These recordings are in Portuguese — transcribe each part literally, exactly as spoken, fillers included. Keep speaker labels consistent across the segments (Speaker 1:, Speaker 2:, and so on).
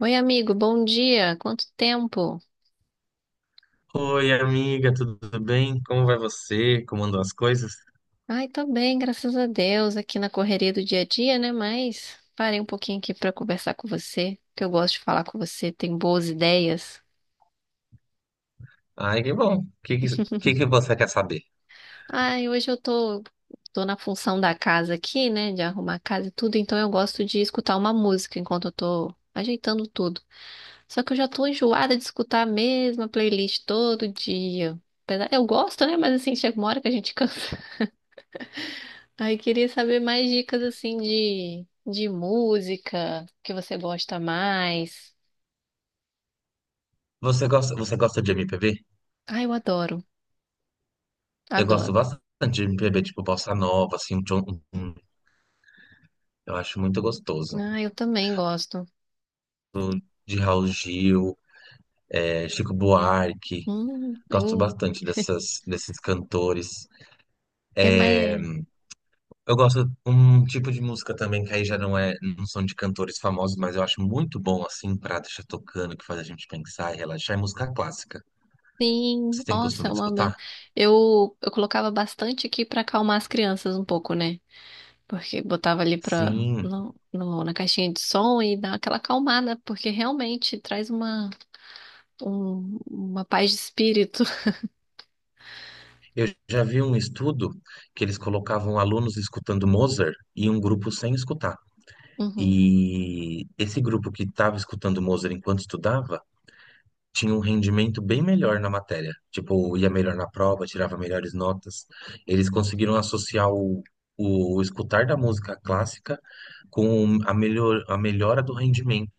Speaker 1: Oi, amigo, bom dia. Quanto tempo?
Speaker 2: Oi, amiga, tudo bem? Como vai você? Como andam as coisas?
Speaker 1: Ai, tô bem, graças a Deus, aqui na correria do dia a dia, né? Mas parei um pouquinho aqui pra conversar com você, que eu gosto de falar com você, tem boas ideias.
Speaker 2: Ai, que bom. O que, que, que que você quer saber?
Speaker 1: Ai, hoje eu tô, tô na função da casa aqui, né? De arrumar a casa e tudo, então eu gosto de escutar uma música enquanto eu tô ajeitando tudo. Só que eu já tô enjoada de escutar a mesma playlist todo dia. Apesar- Eu gosto, né? Mas assim, chega uma hora que a gente cansa. Aí queria saber mais dicas assim de, de música que você gosta mais.
Speaker 2: Você gosta, você gosta de M P B?
Speaker 1: Ah, eu adoro,
Speaker 2: Eu gosto
Speaker 1: adoro.
Speaker 2: bastante de M P B, tipo Bossa Nova, assim, um John- um- eu acho muito gostoso.
Speaker 1: Ah, eu também gosto.
Speaker 2: De Raul Gil, é, Chico Buarque,
Speaker 1: Hum,
Speaker 2: gosto
Speaker 1: hum.
Speaker 2: bastante dessas, desses cantores.
Speaker 1: É mais.
Speaker 2: Eu gosto um tipo de música também que aí já não é, não são de cantores famosos, mas eu acho muito bom, assim, pra deixar tocando, que faz a gente pensar e relaxar, é música clássica.
Speaker 1: Sim,
Speaker 2: Você tem
Speaker 1: nossa, é
Speaker 2: costume de
Speaker 1: uma... me-
Speaker 2: escutar?
Speaker 1: eu eu colocava bastante aqui pra acalmar as crianças um pouco, né? Porque botava ali pra,
Speaker 2: Sim,
Speaker 1: no, no- na caixinha de som e dá aquela acalmada, porque realmente traz uma, um- uma paz de espírito.
Speaker 2: eu já vi um estudo que eles colocavam alunos escutando Mozart e um grupo sem escutar.
Speaker 1: Uhum.
Speaker 2: E esse grupo que estava escutando Mozart enquanto estudava tinha um rendimento bem melhor na matéria. Tipo, ia melhor na prova, tirava melhores notas. Eles conseguiram associar o, o escutar da música clássica com a, melhor, a melhora do rendimento.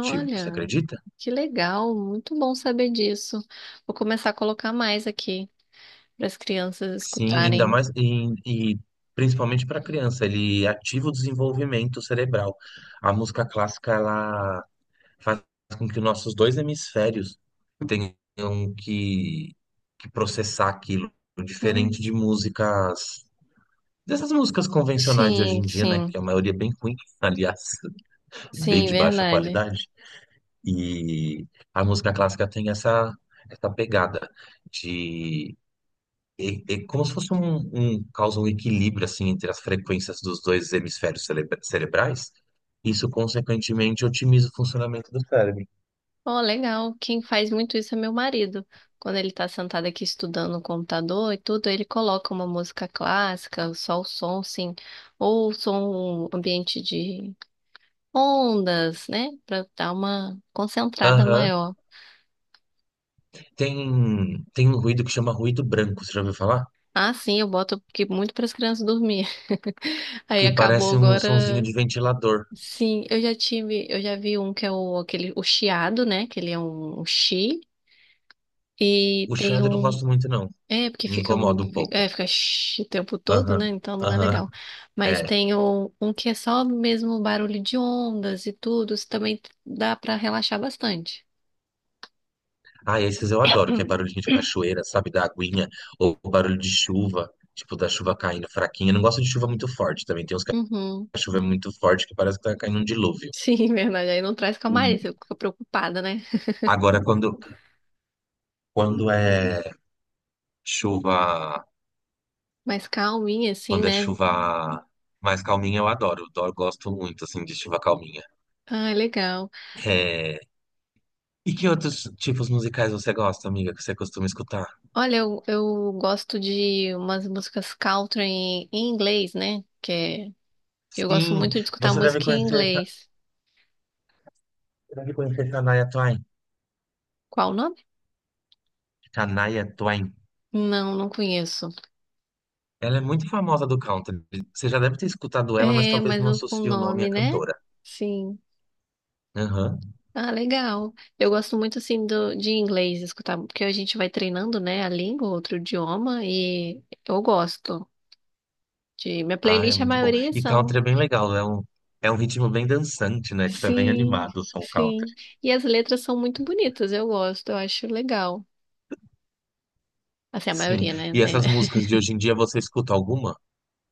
Speaker 2: Tipo, você acredita?
Speaker 1: Que legal, muito bom saber disso. Vou começar a colocar mais aqui para as crianças
Speaker 2: Sim, ainda
Speaker 1: escutarem.
Speaker 2: mais e, e principalmente para criança, ele ativa o desenvolvimento cerebral. A música clássica ela faz com que nossos dois hemisférios tenham que, que processar aquilo, diferente
Speaker 1: Hum,
Speaker 2: de músicas dessas músicas convencionais de hoje
Speaker 1: sim,
Speaker 2: em dia, né,
Speaker 1: sim,
Speaker 2: que a maioria é bem ruim, aliás, bem
Speaker 1: sim,
Speaker 2: de baixa
Speaker 1: verdade.
Speaker 2: qualidade. E a música clássica tem essa essa pegada é, é como se fosse um, um causa um equilíbrio assim entre as frequências dos dois hemisférios celebra- cerebrais. Isso, consequentemente, otimiza o funcionamento do cérebro.
Speaker 1: Oh, legal. Quem faz muito isso é meu marido. Quando ele está sentado aqui estudando no computador e tudo, ele coloca uma música clássica, só o som, sim, ou som ambiente de ondas, né, para dar uma concentrada
Speaker 2: Aham.
Speaker 1: maior.
Speaker 2: Tem, tem um ruído que chama ruído branco, você já ouviu falar?
Speaker 1: Ah, sim, eu boto porque muito para as crianças dormir. Aí
Speaker 2: Que
Speaker 1: acabou
Speaker 2: parece um sonzinho
Speaker 1: agora.
Speaker 2: de ventilador.
Speaker 1: Sim, eu já tive, eu já vi um que é o aquele o chiado, né? Que ele é um, um chi, e
Speaker 2: O
Speaker 1: tem
Speaker 2: chiado eu não
Speaker 1: um,
Speaker 2: gosto muito, não.
Speaker 1: é porque
Speaker 2: Me
Speaker 1: fica um,
Speaker 2: incomoda um
Speaker 1: é,
Speaker 2: pouco.
Speaker 1: fica chi o tempo todo, né?
Speaker 2: Aham.
Speaker 1: Então não é
Speaker 2: Aham.
Speaker 1: legal. Mas
Speaker 2: É.
Speaker 1: tem um, um que é só mesmo barulho de ondas e tudo, isso também dá pra relaxar bastante.
Speaker 2: Ah, esses eu adoro, que é barulhinho de cachoeira, sabe? Da aguinha. Ou barulho de chuva, tipo da chuva caindo fraquinha. Eu não gosto de chuva muito forte também. Tem uns
Speaker 1: Uhum.
Speaker 2: a chuva é muito forte que parece que tá caindo um dilúvio.
Speaker 1: Sim, verdade. Aí não traz calmaria,
Speaker 2: Sim.
Speaker 1: você fica preocupada, né?
Speaker 2: Agora, quando, quando é chuva,
Speaker 1: Mas calminha assim,
Speaker 2: quando é
Speaker 1: né?
Speaker 2: chuva mais calminha, eu adoro. Eu gosto muito, assim, de chuva calminha.
Speaker 1: Ah, é legal.
Speaker 2: É, e que outros tipos musicais você gosta, amiga, que você costuma escutar?
Speaker 1: Olha, eu, eu gosto de umas músicas country em, em inglês, né? Que é, eu gosto
Speaker 2: Sim,
Speaker 1: muito de escutar
Speaker 2: você deve
Speaker 1: música em
Speaker 2: conhecer,
Speaker 1: inglês.
Speaker 2: deve conhecer Shania Twain.
Speaker 1: Qual o nome?
Speaker 2: Shania Twain.
Speaker 1: Não, não conheço.
Speaker 2: Ela é muito famosa do country. Você já deve ter escutado ela, mas
Speaker 1: É,
Speaker 2: talvez
Speaker 1: mas
Speaker 2: não
Speaker 1: o, o
Speaker 2: associe o nome à
Speaker 1: nome, né?
Speaker 2: cantora.
Speaker 1: Sim.
Speaker 2: Aham.
Speaker 1: Ah, legal. Eu gosto muito, assim, do, de inglês escutar, porque a gente vai treinando, né, a língua, outro idioma, e eu gosto de... Minha
Speaker 2: Ah, é
Speaker 1: playlist, a
Speaker 2: muito bom.
Speaker 1: maioria
Speaker 2: E country
Speaker 1: são.
Speaker 2: é bem legal, é um, é um ritmo bem dançante, né? Tipo, é bem
Speaker 1: Sim,
Speaker 2: animado o som country.
Speaker 1: sim. E as letras são muito bonitas, eu gosto, eu acho legal. Assim, a
Speaker 2: Sim.
Speaker 1: maioria, né?
Speaker 2: E essas músicas de hoje em dia, você escuta alguma?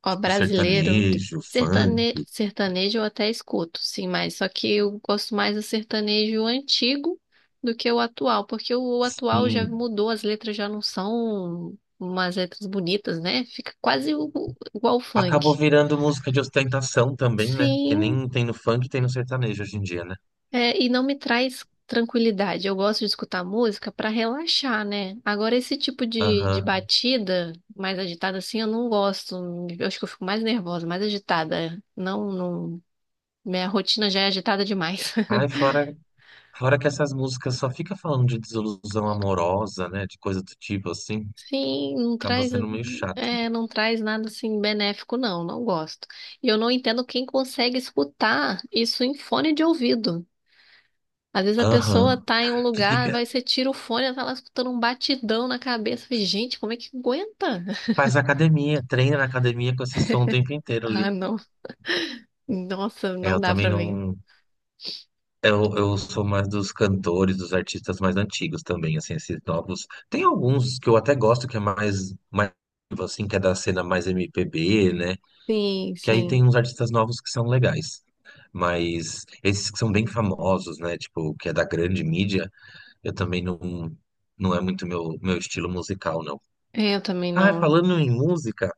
Speaker 1: Ó,
Speaker 2: Tipo,
Speaker 1: brasileiro,
Speaker 2: sertanejo,
Speaker 1: sertane...
Speaker 2: funk,
Speaker 1: sertanejo eu até escuto, sim, mas só que eu gosto mais do sertanejo antigo do que o atual, porque o, o atual já
Speaker 2: sim.
Speaker 1: mudou, as letras já não são umas letras bonitas, né? Fica quase o- o- igual o
Speaker 2: Acabou
Speaker 1: funk.
Speaker 2: virando música de ostentação também, né? Porque
Speaker 1: Sim,
Speaker 2: nem tem no funk, tem no sertanejo hoje em dia, né?
Speaker 1: é, e não me traz tranquilidade. Eu gosto de escutar música para relaxar, né? Agora, esse tipo de, de
Speaker 2: Aham.
Speaker 1: batida mais agitada assim, eu não gosto. Eu acho que eu fico mais nervosa, mais agitada. Não, não. Minha rotina já é agitada demais.
Speaker 2: Ai, fora, fora que essas músicas só fica falando de desilusão amorosa, né? De coisa do tipo assim.
Speaker 1: Sim, não
Speaker 2: Acaba
Speaker 1: traz,
Speaker 2: sendo meio chato, né?
Speaker 1: é, não traz nada assim benéfico, não, não gosto. E eu não entendo quem consegue escutar isso em fone de ouvido. Às vezes a pessoa
Speaker 2: Aham.
Speaker 1: tá em um
Speaker 2: Que
Speaker 1: lugar,
Speaker 2: fica
Speaker 1: vai, você tira o fone, ela tá lá escutando um batidão na cabeça. Eu Falei, gente, como é que aguenta?
Speaker 2: faz academia, treina na academia com esse som o tempo inteiro
Speaker 1: Ah,
Speaker 2: ali.
Speaker 1: não. Nossa,
Speaker 2: É,
Speaker 1: não
Speaker 2: eu
Speaker 1: dá
Speaker 2: também
Speaker 1: pra mim.
Speaker 2: não. Eu, eu sou mais dos cantores, dos artistas mais antigos também, assim, esses novos. Tem alguns que eu até gosto que é mais, mais assim, que é da cena mais M P B, né?
Speaker 1: Sim,
Speaker 2: Que aí
Speaker 1: sim.
Speaker 2: tem uns artistas novos que são legais. Mas esses que são bem famosos, né? Tipo, que é da grande mídia, eu também não, não é muito meu, meu estilo musical, não.
Speaker 1: É, eu também
Speaker 2: Ah,
Speaker 1: não.
Speaker 2: falando em música,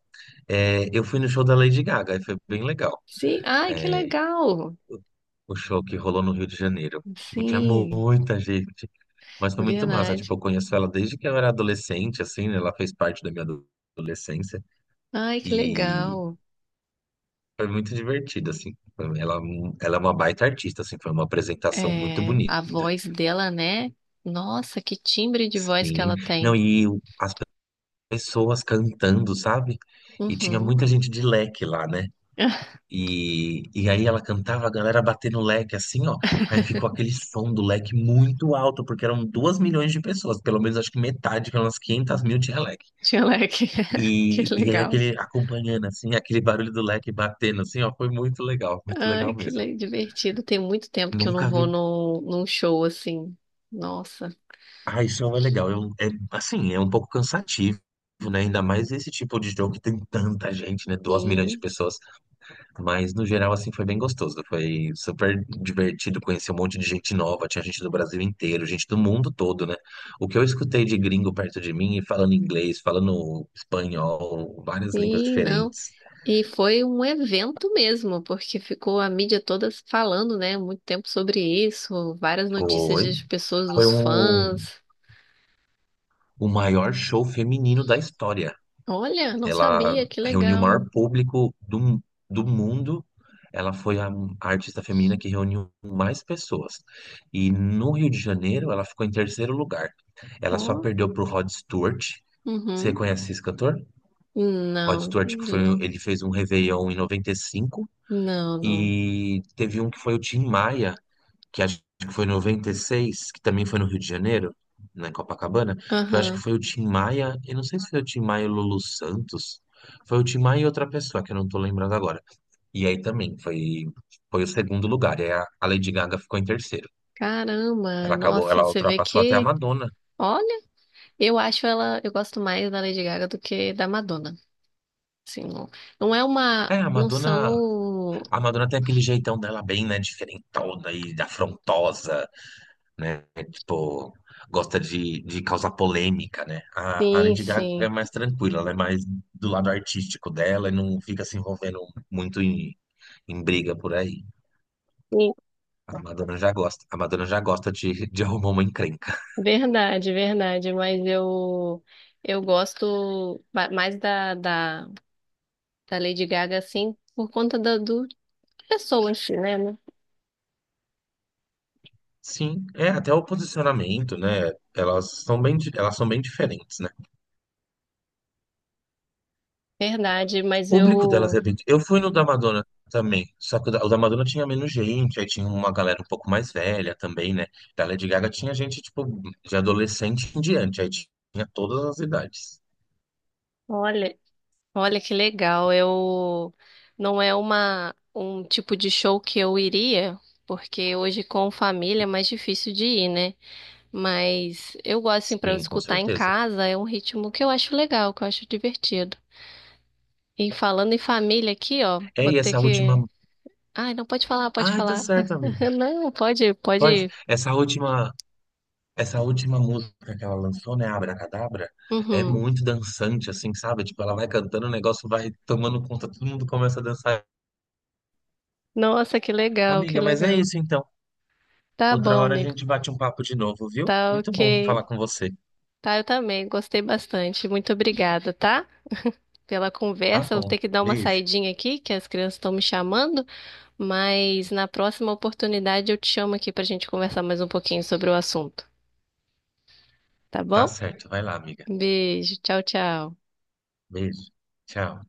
Speaker 2: é, eu fui no show da Lady Gaga e foi bem legal.
Speaker 1: Sim, ai, que legal.
Speaker 2: O show que rolou no Rio de Janeiro. Tipo, tinha
Speaker 1: Sim,
Speaker 2: muita gente, mas foi muito massa. Tipo, eu
Speaker 1: verdade.
Speaker 2: conheço ela desde que eu era adolescente, assim, né? Ela fez parte da minha ado- adolescência
Speaker 1: Ai, que
Speaker 2: e
Speaker 1: legal.
Speaker 2: foi muito divertido, assim. Ela, Ela é uma baita artista, assim, foi uma apresentação muito
Speaker 1: É, a
Speaker 2: bonita.
Speaker 1: voz dela, né? Nossa, que timbre de voz que
Speaker 2: Sim.
Speaker 1: ela
Speaker 2: Não,
Speaker 1: tem.
Speaker 2: e o- pessoas cantando, sabe? E tinha
Speaker 1: Uhum.
Speaker 2: muita gente de leque lá, né? E, e aí ela cantava, a galera batendo o leque assim, ó. Aí ficou aquele som do leque muito alto, porque eram duas milhões de pessoas, pelo menos acho que metade, pelas quinhentas mil tinha leque.
Speaker 1: Tia Leque. Que
Speaker 2: E, e aí
Speaker 1: legal.
Speaker 2: aquele acompanhando assim, aquele barulho do leque batendo assim, ó, foi muito legal, muito
Speaker 1: Ai,
Speaker 2: legal
Speaker 1: que
Speaker 2: mesmo.
Speaker 1: le- divertido. Tem muito tempo que eu não
Speaker 2: Nunca
Speaker 1: vou
Speaker 2: vi.
Speaker 1: no num show assim. Nossa,
Speaker 2: Ah, isso é legal. Eu, é, assim, é um pouco cansativo, né? Ainda mais esse tipo de jogo que tem tanta gente, né? Duas milhões de
Speaker 1: sim,
Speaker 2: pessoas. Mas no geral, assim, foi bem gostoso. Foi super divertido conhecer um monte de gente nova. Tinha gente do Brasil inteiro, gente do mundo todo, né? O que eu escutei de gringo perto de mim, falando inglês, falando espanhol, várias línguas
Speaker 1: sim, não.
Speaker 2: diferentes.
Speaker 1: E foi um evento mesmo, porque ficou a mídia toda falando, né, muito tempo sobre isso, várias notícias
Speaker 2: Foi,
Speaker 1: das pessoas,
Speaker 2: foi
Speaker 1: dos
Speaker 2: um,
Speaker 1: fãs.
Speaker 2: o maior show feminino da história.
Speaker 1: Olha, não
Speaker 2: Ela
Speaker 1: sabia, que
Speaker 2: reuniu o
Speaker 1: legal.
Speaker 2: maior público do, do mundo. Ela foi a, a artista feminina que reuniu mais pessoas. E no Rio de Janeiro, ela ficou em terceiro lugar. Ela só
Speaker 1: Ó,
Speaker 2: perdeu para o Rod Stewart. Você
Speaker 1: uhum.
Speaker 2: conhece esse cantor? Rod
Speaker 1: Não,
Speaker 2: Stewart, que
Speaker 1: de
Speaker 2: foi, um,
Speaker 1: novo.
Speaker 2: ele fez um Réveillon em noventa e cinco.
Speaker 1: Não, não.
Speaker 2: E cinco. E teve um que foi o Tim Maia, que acho que foi em noventa e seis que também foi no Rio de Janeiro, na Copacabana, que eu acho que
Speaker 1: Aham.
Speaker 2: foi o Tim Maia, e não sei se foi o Tim Maia e o Lulu Santos, foi o Tim Maia e outra pessoa, que eu não tô lembrando agora. E aí também foi, foi o segundo lugar, e a, a Lady Gaga ficou em terceiro.
Speaker 1: Caramba,
Speaker 2: Ela acabou,
Speaker 1: nossa,
Speaker 2: ela
Speaker 1: você vê
Speaker 2: ultrapassou até a
Speaker 1: que.
Speaker 2: Madonna.
Speaker 1: Olha, eu acho ela. Eu gosto mais da Lady Gaga do que da Madonna. Assim, não, não é uma.
Speaker 2: É, a
Speaker 1: Não
Speaker 2: Madonna,
Speaker 1: são.
Speaker 2: a Madonna tem aquele jeitão dela bem, né, diferentona e afrontosa, né? Tipo, gosta de, de causar polêmica, né? A, a
Speaker 1: Sim,
Speaker 2: Lady Gaga é
Speaker 1: sim.
Speaker 2: mais tranquila, ela é mais do lado artístico dela e não fica se envolvendo muito em, em briga por aí.
Speaker 1: Sim.
Speaker 2: A Madonna já gosta, a Madonna já gosta de, de arrumar uma encrenca.
Speaker 1: Verdade, verdade. Mas eu. Eu gosto ba- mais da, da, da Lady Gaga, assim, por conta da, do pessoa em si, né? né?
Speaker 2: Sim, é até o posicionamento, né? Elas são bem, di- elas são bem diferentes, né?
Speaker 1: Verdade, mas
Speaker 2: Público delas
Speaker 1: eu.
Speaker 2: é bem. Eu fui no da Madonna também, só que o da o da Madonna tinha menos gente, aí tinha uma galera um pouco mais velha também, né? Da Lady Gaga tinha gente, tipo, de adolescente em diante, aí tinha todas as idades.
Speaker 1: Olha. Olha que legal. Eu não é uma um tipo de show que eu iria, porque hoje com família é mais difícil de ir, né? Mas eu gosto assim para eu
Speaker 2: Sim, com
Speaker 1: escutar em
Speaker 2: certeza.
Speaker 1: casa, é um ritmo que eu acho legal, que eu acho divertido. E falando em família aqui, ó,
Speaker 2: É,
Speaker 1: vou
Speaker 2: e
Speaker 1: ter
Speaker 2: essa
Speaker 1: que...
Speaker 2: última.
Speaker 1: Ai, não pode falar, pode
Speaker 2: Ai, tá
Speaker 1: falar.
Speaker 2: certo, amiga.
Speaker 1: Não, pode,
Speaker 2: Pode.
Speaker 1: pode.
Speaker 2: Essa última. Essa última música que ela lançou, né, Abracadabra, é
Speaker 1: Uhum.
Speaker 2: muito dançante, assim, sabe? Tipo, ela vai cantando, o negócio vai tomando conta, todo mundo começa a dançar.
Speaker 1: Nossa, que legal, que
Speaker 2: Amiga, mas é
Speaker 1: legal.
Speaker 2: isso então.
Speaker 1: Tá
Speaker 2: Outra
Speaker 1: bom,
Speaker 2: hora a
Speaker 1: amigo.
Speaker 2: gente bate um papo de novo, viu?
Speaker 1: Tá
Speaker 2: Muito bom
Speaker 1: ok.
Speaker 2: falar com você.
Speaker 1: Tá, eu também. Gostei bastante. Muito obrigada, tá? Pela
Speaker 2: Tá
Speaker 1: conversa. Eu vou
Speaker 2: bom.
Speaker 1: ter que dar uma
Speaker 2: Beijo.
Speaker 1: saidinha aqui, que as crianças estão me chamando, mas na próxima oportunidade eu te chamo aqui para a gente conversar mais um pouquinho sobre o assunto, tá
Speaker 2: Tá
Speaker 1: bom?
Speaker 2: certo. Vai lá, amiga.
Speaker 1: Um beijo, tchau, tchau.
Speaker 2: Beijo. Tchau.